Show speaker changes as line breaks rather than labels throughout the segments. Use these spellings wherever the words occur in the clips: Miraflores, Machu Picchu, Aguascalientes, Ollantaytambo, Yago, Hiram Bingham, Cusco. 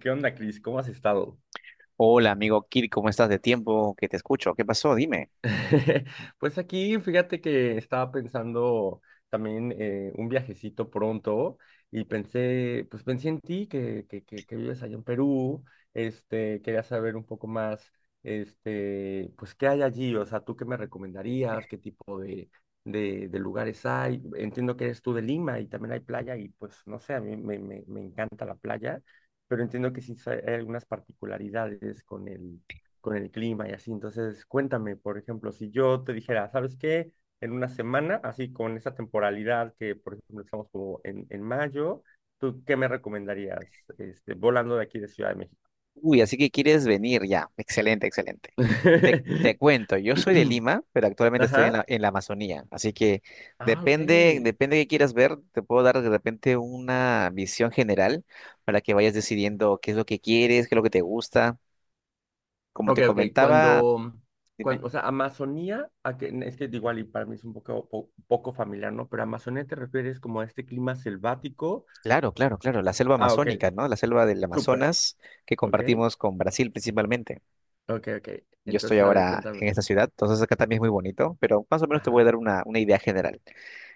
¿Qué onda, Cris? ¿Cómo has estado?
Hola, amigo Kir, ¿cómo estás de tiempo que te escucho? ¿Qué pasó? Dime.
Pues aquí, fíjate que estaba pensando también un viajecito pronto y pensé, pues pensé en ti, que vives allá en Perú, quería saber un poco más, pues qué hay allí, o sea, ¿tú qué me recomendarías? ¿Qué tipo de, de lugares hay? Entiendo que eres tú de Lima y también hay playa y pues no sé, a mí me encanta la playa, pero entiendo que sí hay algunas particularidades con el clima y así. Entonces, cuéntame, por ejemplo, si yo te dijera, ¿sabes qué? En una semana, así con esa temporalidad que, por ejemplo, estamos como en mayo, ¿tú qué me recomendarías volando de aquí de Ciudad de México?
Uy, así que quieres venir ya. Excelente, excelente. Te cuento, yo soy de Lima, pero actualmente estoy en
Ajá.
la, en la Amazonía. Así que
Ah, ok.
depende de qué quieras ver, te puedo dar de repente una visión general para que vayas decidiendo qué es lo que quieres, qué es lo que te gusta. Como te
Ok, ok.
comentaba,
Cuando,
dime.
cuando, o sea, Amazonía, a que, es que igual y para mí es un poco, poco familiar, ¿no? Pero Amazonía te refieres como a este clima selvático.
Claro, claro, claro, la selva
Ah, ok.
amazónica, ¿no? La selva del
Súper.
Amazonas que
Ok.
compartimos con Brasil principalmente.
Ok, ok.
Yo estoy
Entonces, a ver,
ahora en
cuéntame.
esta ciudad, entonces acá también es muy bonito, pero más o menos te voy a
Ajá.
dar una idea general.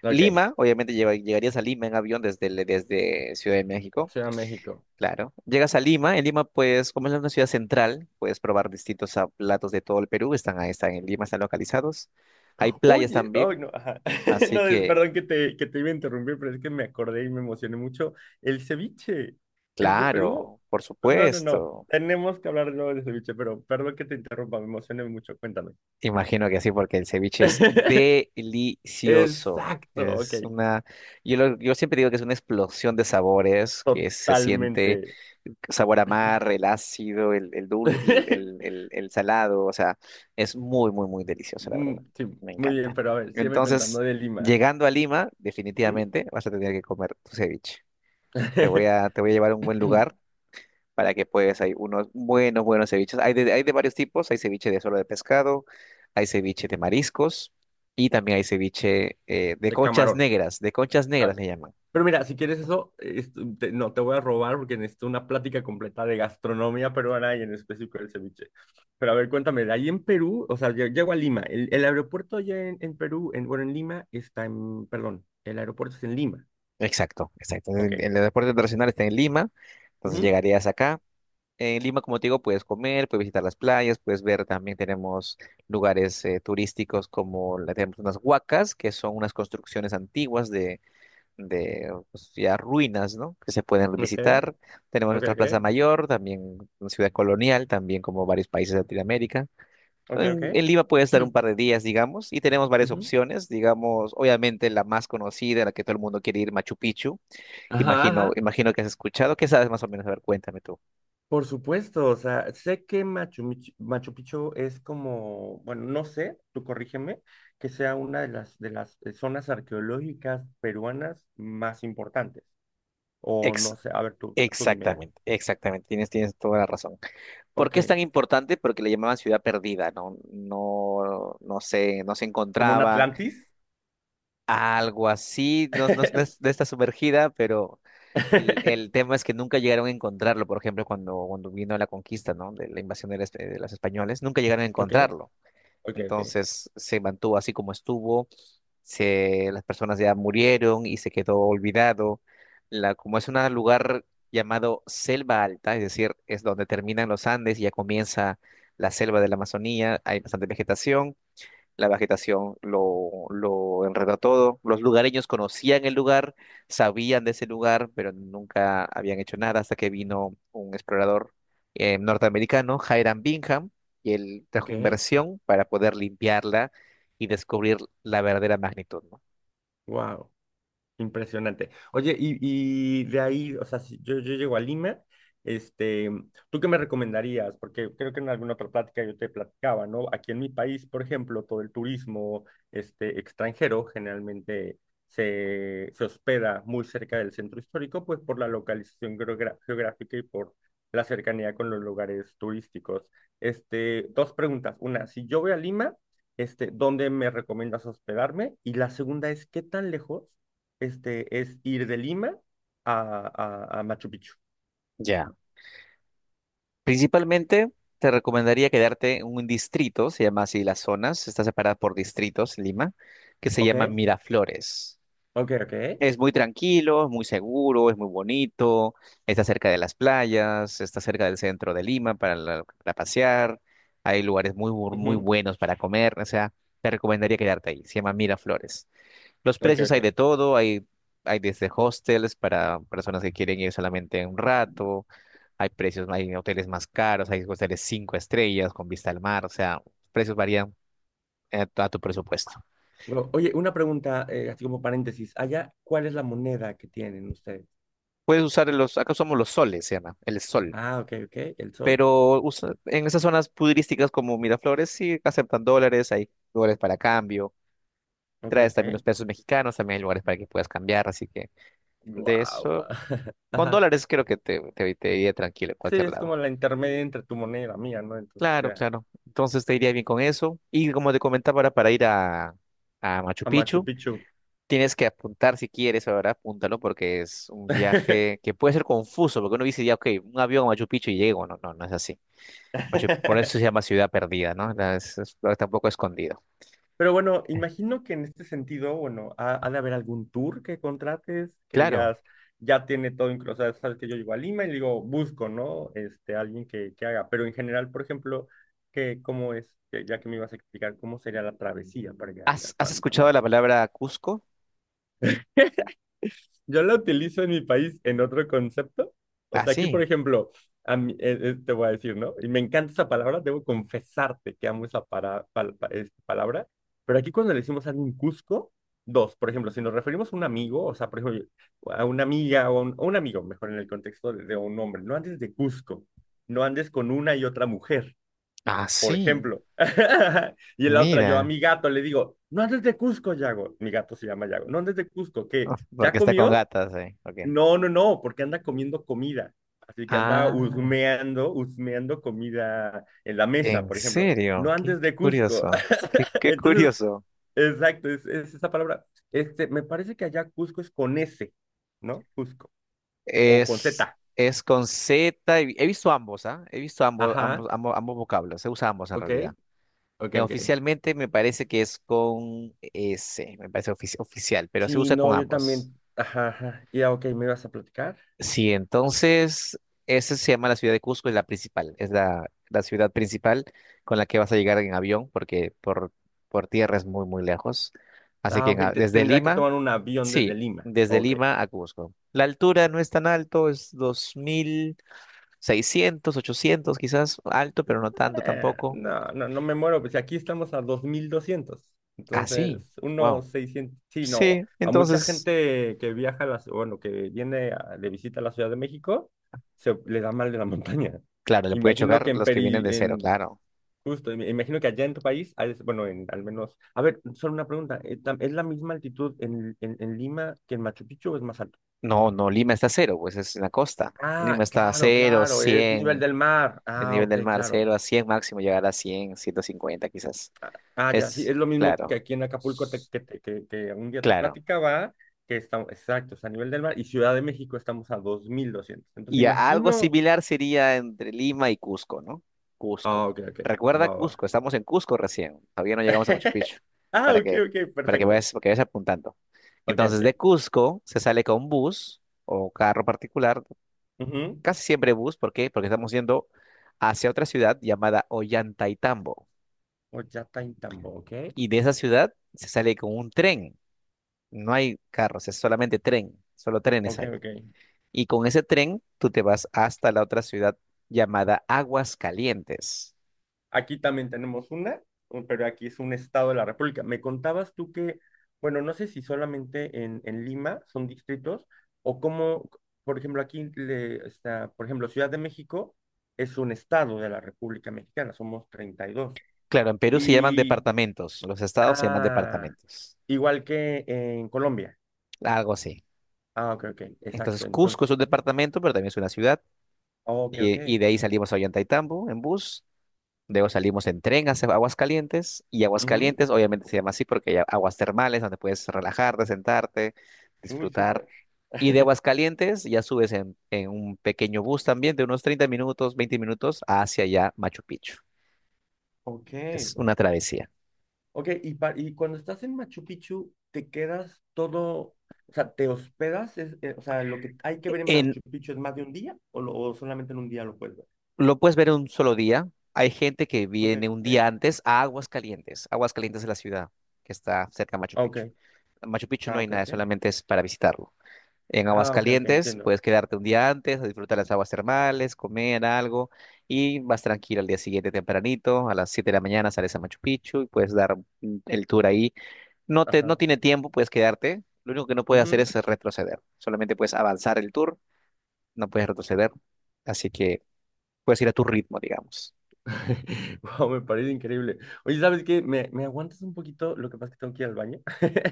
Ok,
Lima, obviamente llegarías a Lima en avión desde Ciudad de México,
Ciudad de México.
claro. Llegas a Lima, en Lima pues como es una ciudad central, puedes probar distintos platos de todo el Perú, están ahí, están en Lima, están localizados. Hay playas
Oye, ay
también,
no, ajá.
así
No, es-
que,
perdón que te iba a interrumpir, pero es que me acordé y me emocioné mucho. ¿El ceviche es de Perú?
claro, por
No, no, no.
supuesto.
Tenemos que hablar luego de ceviche, pero perdón que te interrumpa, me emocioné mucho. Cuéntame.
Imagino que sí, porque el ceviche es delicioso.
Exacto, ok.
Yo yo siempre digo que es una explosión de sabores, que se siente
Totalmente.
sabor a mar, el ácido, el dulce, el, el- el- el salado, o sea, es muy, muy, muy delicioso, la verdad.
Mm, sí,
Me
muy bien,
encanta.
pero a ver, sígueme contando
Entonces,
de Lima.
llegando a Lima,
Ujú.
definitivamente vas a tener que comer tu ceviche. Te voy a, te voy a llevar a un buen lugar para que puedas. Hay unos buenos, buenos ceviches. Hay de varios tipos. Hay ceviche de solo de pescado, hay ceviche de mariscos y también hay ceviche de
De
conchas
camarón.
negras. De conchas
Ah,
negras
ok.
se llaman.
Pero mira, si quieres eso, no, te voy a robar porque necesito una plática completa de gastronomía peruana y en específico del ceviche. Pero a ver, cuéntame, de ahí en Perú, o sea, llego a Lima. El aeropuerto allá en Perú, en, bueno, en Lima está en, perdón, el aeropuerto es en Lima.
Exacto, exacto.
Ok.
En el deporte internacional está en Lima, entonces
Ujú.
llegarías acá. En Lima, como te digo, puedes comer, puedes visitar las playas, puedes ver también tenemos lugares turísticos como tenemos unas huacas, que son unas construcciones antiguas de pues, ya ruinas, ¿no? Que se pueden
Ok,
visitar. Tenemos
ok,
nuestra Plaza
ok,
Mayor, también una ciudad colonial, también como varios países de Latinoamérica.
ok, ok.
En Lima puedes estar un par de días, digamos, y tenemos varias
Ujú.
opciones, digamos, obviamente la más conocida, la que todo el mundo quiere ir, Machu Picchu.
Ajá,
Imagino,
ajá.
imagino que has escuchado, ¿qué sabes más o menos? A ver, cuéntame tú.
Por supuesto, o sea, sé que Machu Picchu es como, bueno, no sé, tú corrígeme, que sea una de las zonas arqueológicas peruanas más importantes. O
Ex-
no sé, a ver, tú dime.
Exactamente, exactamente, tienes toda la razón. ¿Por
Ok,
qué es tan importante? Porque le llamaban ciudad perdida, ¿no? No, no se
como un
encontraban.
Atlantis.
Algo así, no, no, no es de esta sumergida, pero el tema es que nunca llegaron a encontrarlo, por ejemplo, cuando vino la conquista, ¿no? De la invasión de los españoles, nunca llegaron a
Ok,
encontrarlo.
ok, ok,
Entonces se mantuvo así como estuvo, las personas ya murieron y se quedó olvidado. La, como es un lugar llamado Selva Alta, es decir, es donde terminan los Andes y ya comienza la selva de la Amazonía, hay bastante vegetación, la vegetación lo enredó todo. Los lugareños conocían el lugar, sabían de ese lugar, pero nunca habían hecho nada hasta que vino un explorador norteamericano, Hiram Bingham, y él trajo
ok,
inversión para poder limpiarla y descubrir la verdadera magnitud, ¿no?
wow. Impresionante. Oye, y de ahí, o sea, si yo llego a Lima, este, ¿tú qué me recomendarías? Porque creo que en alguna otra plática yo te platicaba, ¿no? Aquí en mi país, por ejemplo, todo el turismo, extranjero generalmente se hospeda muy cerca del centro histórico, pues por la localización geográfica y por la cercanía con los lugares turísticos. Este, dos preguntas. Una, si yo voy a Lima, ¿dónde me recomiendas hospedarme? Y la segunda es, ¿qué tan lejos? Es ir de Lima a, a Machu Picchu.
Ya. Principalmente te recomendaría quedarte en un distrito, se llama así las zonas, está separada por distritos, Lima, que se
¿Ok?
llama Miraflores.
Ok, ok.
Es muy tranquilo, es muy seguro, es muy bonito, está cerca de las playas, está cerca del centro de Lima para, para pasear, hay lugares muy, muy
Ujú,
buenos para comer, o sea, te recomendaría quedarte ahí, se llama Miraflores. Los
ok,
precios hay de
ok.
todo, hay desde hostels para personas que quieren ir solamente un rato, hay precios, hay hoteles más caros, hay hoteles cinco estrellas con vista al mar, o sea, precios varían a tu presupuesto.
Bueno, oye, una pregunta, así como paréntesis. Allá, ¿cuál es la moneda que tienen ustedes?
Puedes usar los, acá usamos los soles, se llama, el sol.
Ah, ok, ok. El sol.
Pero en esas zonas pudirísticas como Miraflores sí aceptan dólares, hay lugares para cambio,
Ok,
traes
ok.
también los pesos mexicanos, también hay lugares para que puedas cambiar, así que de
Guau.
eso, con
Ajá.
dólares creo que te iría tranquilo en
Sí,
cualquier
es
lado.
como la intermedia entre tu moneda y la mía, ¿no? Entonces,
Claro,
ya.
claro, entonces te iría bien con eso. Y como te comentaba, ahora para ir a Machu
A Machu
Picchu,
Picchu.
tienes que apuntar si quieres, ahora apúntalo porque es un viaje que puede ser confuso, porque uno dice ya, ok, un avión a Machu Picchu y llego, no, no, no es así. Por eso se llama ciudad perdida, ¿no? Está un poco escondido.
Pero bueno, imagino que en este sentido, bueno, ha de haber algún tour que contrates, que
Claro.
digas, ya tiene todo incluso, o sea, sabes que yo llego a Lima y le digo, busco, ¿no? Este, alguien que haga. Pero en general, por ejemplo, que, ¿cómo es? Que ya que me ibas a explicar cómo sería la travesía para llegar a...
¿Has escuchado la palabra Cusco?
Yo la utilizo en mi país en otro concepto. O
Ah,
sea, aquí, por
sí.
ejemplo, te voy a decir, ¿no? Y me encanta esa palabra, debo confesarte que amo esa palabra. Pero aquí cuando le decimos a alguien Cusco, dos, por ejemplo, si nos referimos a un amigo, o sea, por ejemplo, a una amiga o a un amigo, mejor en el contexto de un hombre, no andes de Cusco, no andes con una y otra mujer,
Ah,
por
sí.
ejemplo. Y en la otra, yo a
Mira.
mi gato le digo, no andes de Cusco, Yago. Mi gato se llama Yago, no andes de Cusco, ¿qué?
Uf,
¿Ya
porque está con
comió?
gatas, eh. Ok.
No, no, no, porque anda comiendo comida. Así que anda
Ah,
husmeando, husmeando comida en la mesa,
¿en
por ejemplo.
serio?
No
Qué,
andes
qué
de Cusco.
curioso. Qué, qué
Entonces,
curioso.
exacto, es esa palabra. Este, me parece que allá Cusco es con S, ¿no? Cusco. O con
Es,
Z.
es con Z. He visto ambos, ¿ah? He visto ambos,
Ajá,
ambos, ambos, ambos vocablos. Se usa ambos en
ok,
realidad.
ok, ok.
Oficialmente me parece que es con S. Me parece oficial, pero se
Sí,
usa con
no, yo
ambos.
también. Ajá, ajá. Ya, ok, ¿me ibas a platicar?
Sí, entonces, esa se llama la ciudad de Cusco, es la principal, es la ciudad principal con la que vas a llegar en avión, porque por tierra es muy, muy lejos. Así que
Ah, ok,
desde
tendría que
Lima,
tomar un avión desde
sí,
Lima.
desde
Ok.
Lima a Cusco. La altura no es tan alto, es 2600, 800 quizás, alto, pero no tanto tampoco.
No, no, no me muero, pues aquí estamos a 2200.
Ah, sí,
Entonces,
wow.
unos 600 sí, no,
Sí,
a mucha
entonces,
gente que viaja, a las, bueno, que viene de visita a la Ciudad de México, se le da mal de la montaña.
claro, le puede
Imagino que
chocar
en
los que vienen
Peri,
de cero,
en,
claro.
justo, imagino que allá en tu país, ah, es- bueno, en, al menos, a ver, solo una pregunta, ¿es la misma altitud en Lima que en Machu Picchu o es más alto?
No, no, Lima está a cero, pues es en la costa.
Ah,
Lima está a
claro,
cero,
claro, es nivel
100.
del mar.
El
Ah,
nivel
ok,
del mar,
claro.
0 a 100 máximo, llegar a 100 150 quizás.
Ah, ya, sí,
Es
es lo mismo que
claro,
aquí en Acapulco, que un día te
claro.
platicaba, que estamos, exacto, es a nivel del mar, y Ciudad de México estamos a 2200. Entonces,
Algo
imagino.
similar sería entre Lima y Cusco, ¿no? Cusco.
Ah, ok, ok,
Recuerda
va, va.
Cusco, estamos en Cusco recién, todavía no llegamos a Machu Picchu,
Ah,
para
ok,
que,
ok, perfecto.
para que vayas apuntando.
Ok,
Entonces,
ok.
de Cusco se sale con bus o carro particular,
Ujú.
casi siempre bus, ¿por qué? Porque estamos yendo hacia otra ciudad llamada Ollantaytambo.
O ya está en tambo, ok.
Y de esa ciudad se sale con un tren. No hay carros, es solamente tren, solo trenes
Ok,
hay.
ok.
Y con ese tren tú te vas hasta la otra ciudad llamada Aguascalientes.
Aquí también tenemos una, pero aquí es un estado de la República. Me contabas tú que, bueno, no sé si solamente en Lima son distritos o cómo, por ejemplo, aquí está, por ejemplo, Ciudad de México es un estado de la República Mexicana, somos 32.
Claro, en Perú se llaman
Y, dos. Y,
departamentos, los estados se llaman
ah,
departamentos,
igual que en Colombia.
algo así.
Ah, ok, ok,
Entonces
exacto.
Cusco
Entonces,
es un departamento, pero también es una ciudad.
ok, ok.
Y de ahí salimos a Ollantaytambo en bus. Luego salimos en tren hacia Aguascalientes, y
Ujú.
Aguascalientes obviamente se llama así porque hay aguas termales donde puedes relajarte, sentarte,
Uy,
disfrutar.
súper.
Y de Aguascalientes ya subes en un pequeño bus también de unos 30 minutos, 20 minutos hacia allá Machu Picchu.
Ok.
Es una travesía.
Ok, y, y cuando estás en Machu Picchu, te quedas todo, o sea, te hospedas. O sea, lo que hay que ver en
En,
Machu Picchu es más de un día o, o solamente en un día lo puedes ver.
lo puedes ver en un solo día. Hay gente que
Ok.
viene un día antes a Aguascalientes. Aguascalientes es la ciudad que está cerca de Machu
Ok.
Picchu. En Machu Picchu no
Ah,
hay
ok,
nada,
ok.
solamente es para visitarlo. En
Ah, ok, ok,
Aguascalientes
entiendo.
puedes quedarte un día antes, a disfrutar las aguas termales, comer algo, y vas tranquilo al día siguiente tempranito, a las 7 de la mañana sales a Machu Picchu y puedes dar el tour ahí. No
Ajá.
tiene tiempo, puedes quedarte. Lo único que no puedes hacer es
Ujú.
retroceder. Solamente puedes avanzar el tour, no puedes retroceder. Así que puedes ir a tu ritmo, digamos.
Wow, me parece increíble. Oye, ¿sabes qué? ¿Me aguantas un poquito? Lo que pasa es que tengo que ir al baño.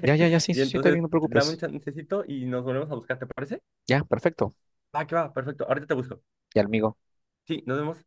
Ya, ya, ya, sí,
Y
sí, sí, está
entonces,
bien, no te
dame un
preocupes.
chancecito y nos volvemos a buscar, ¿te parece?
Ya, perfecto.
Va, que va, perfecto. Ahorita te busco.
Ya, amigo.
Sí, nos vemos.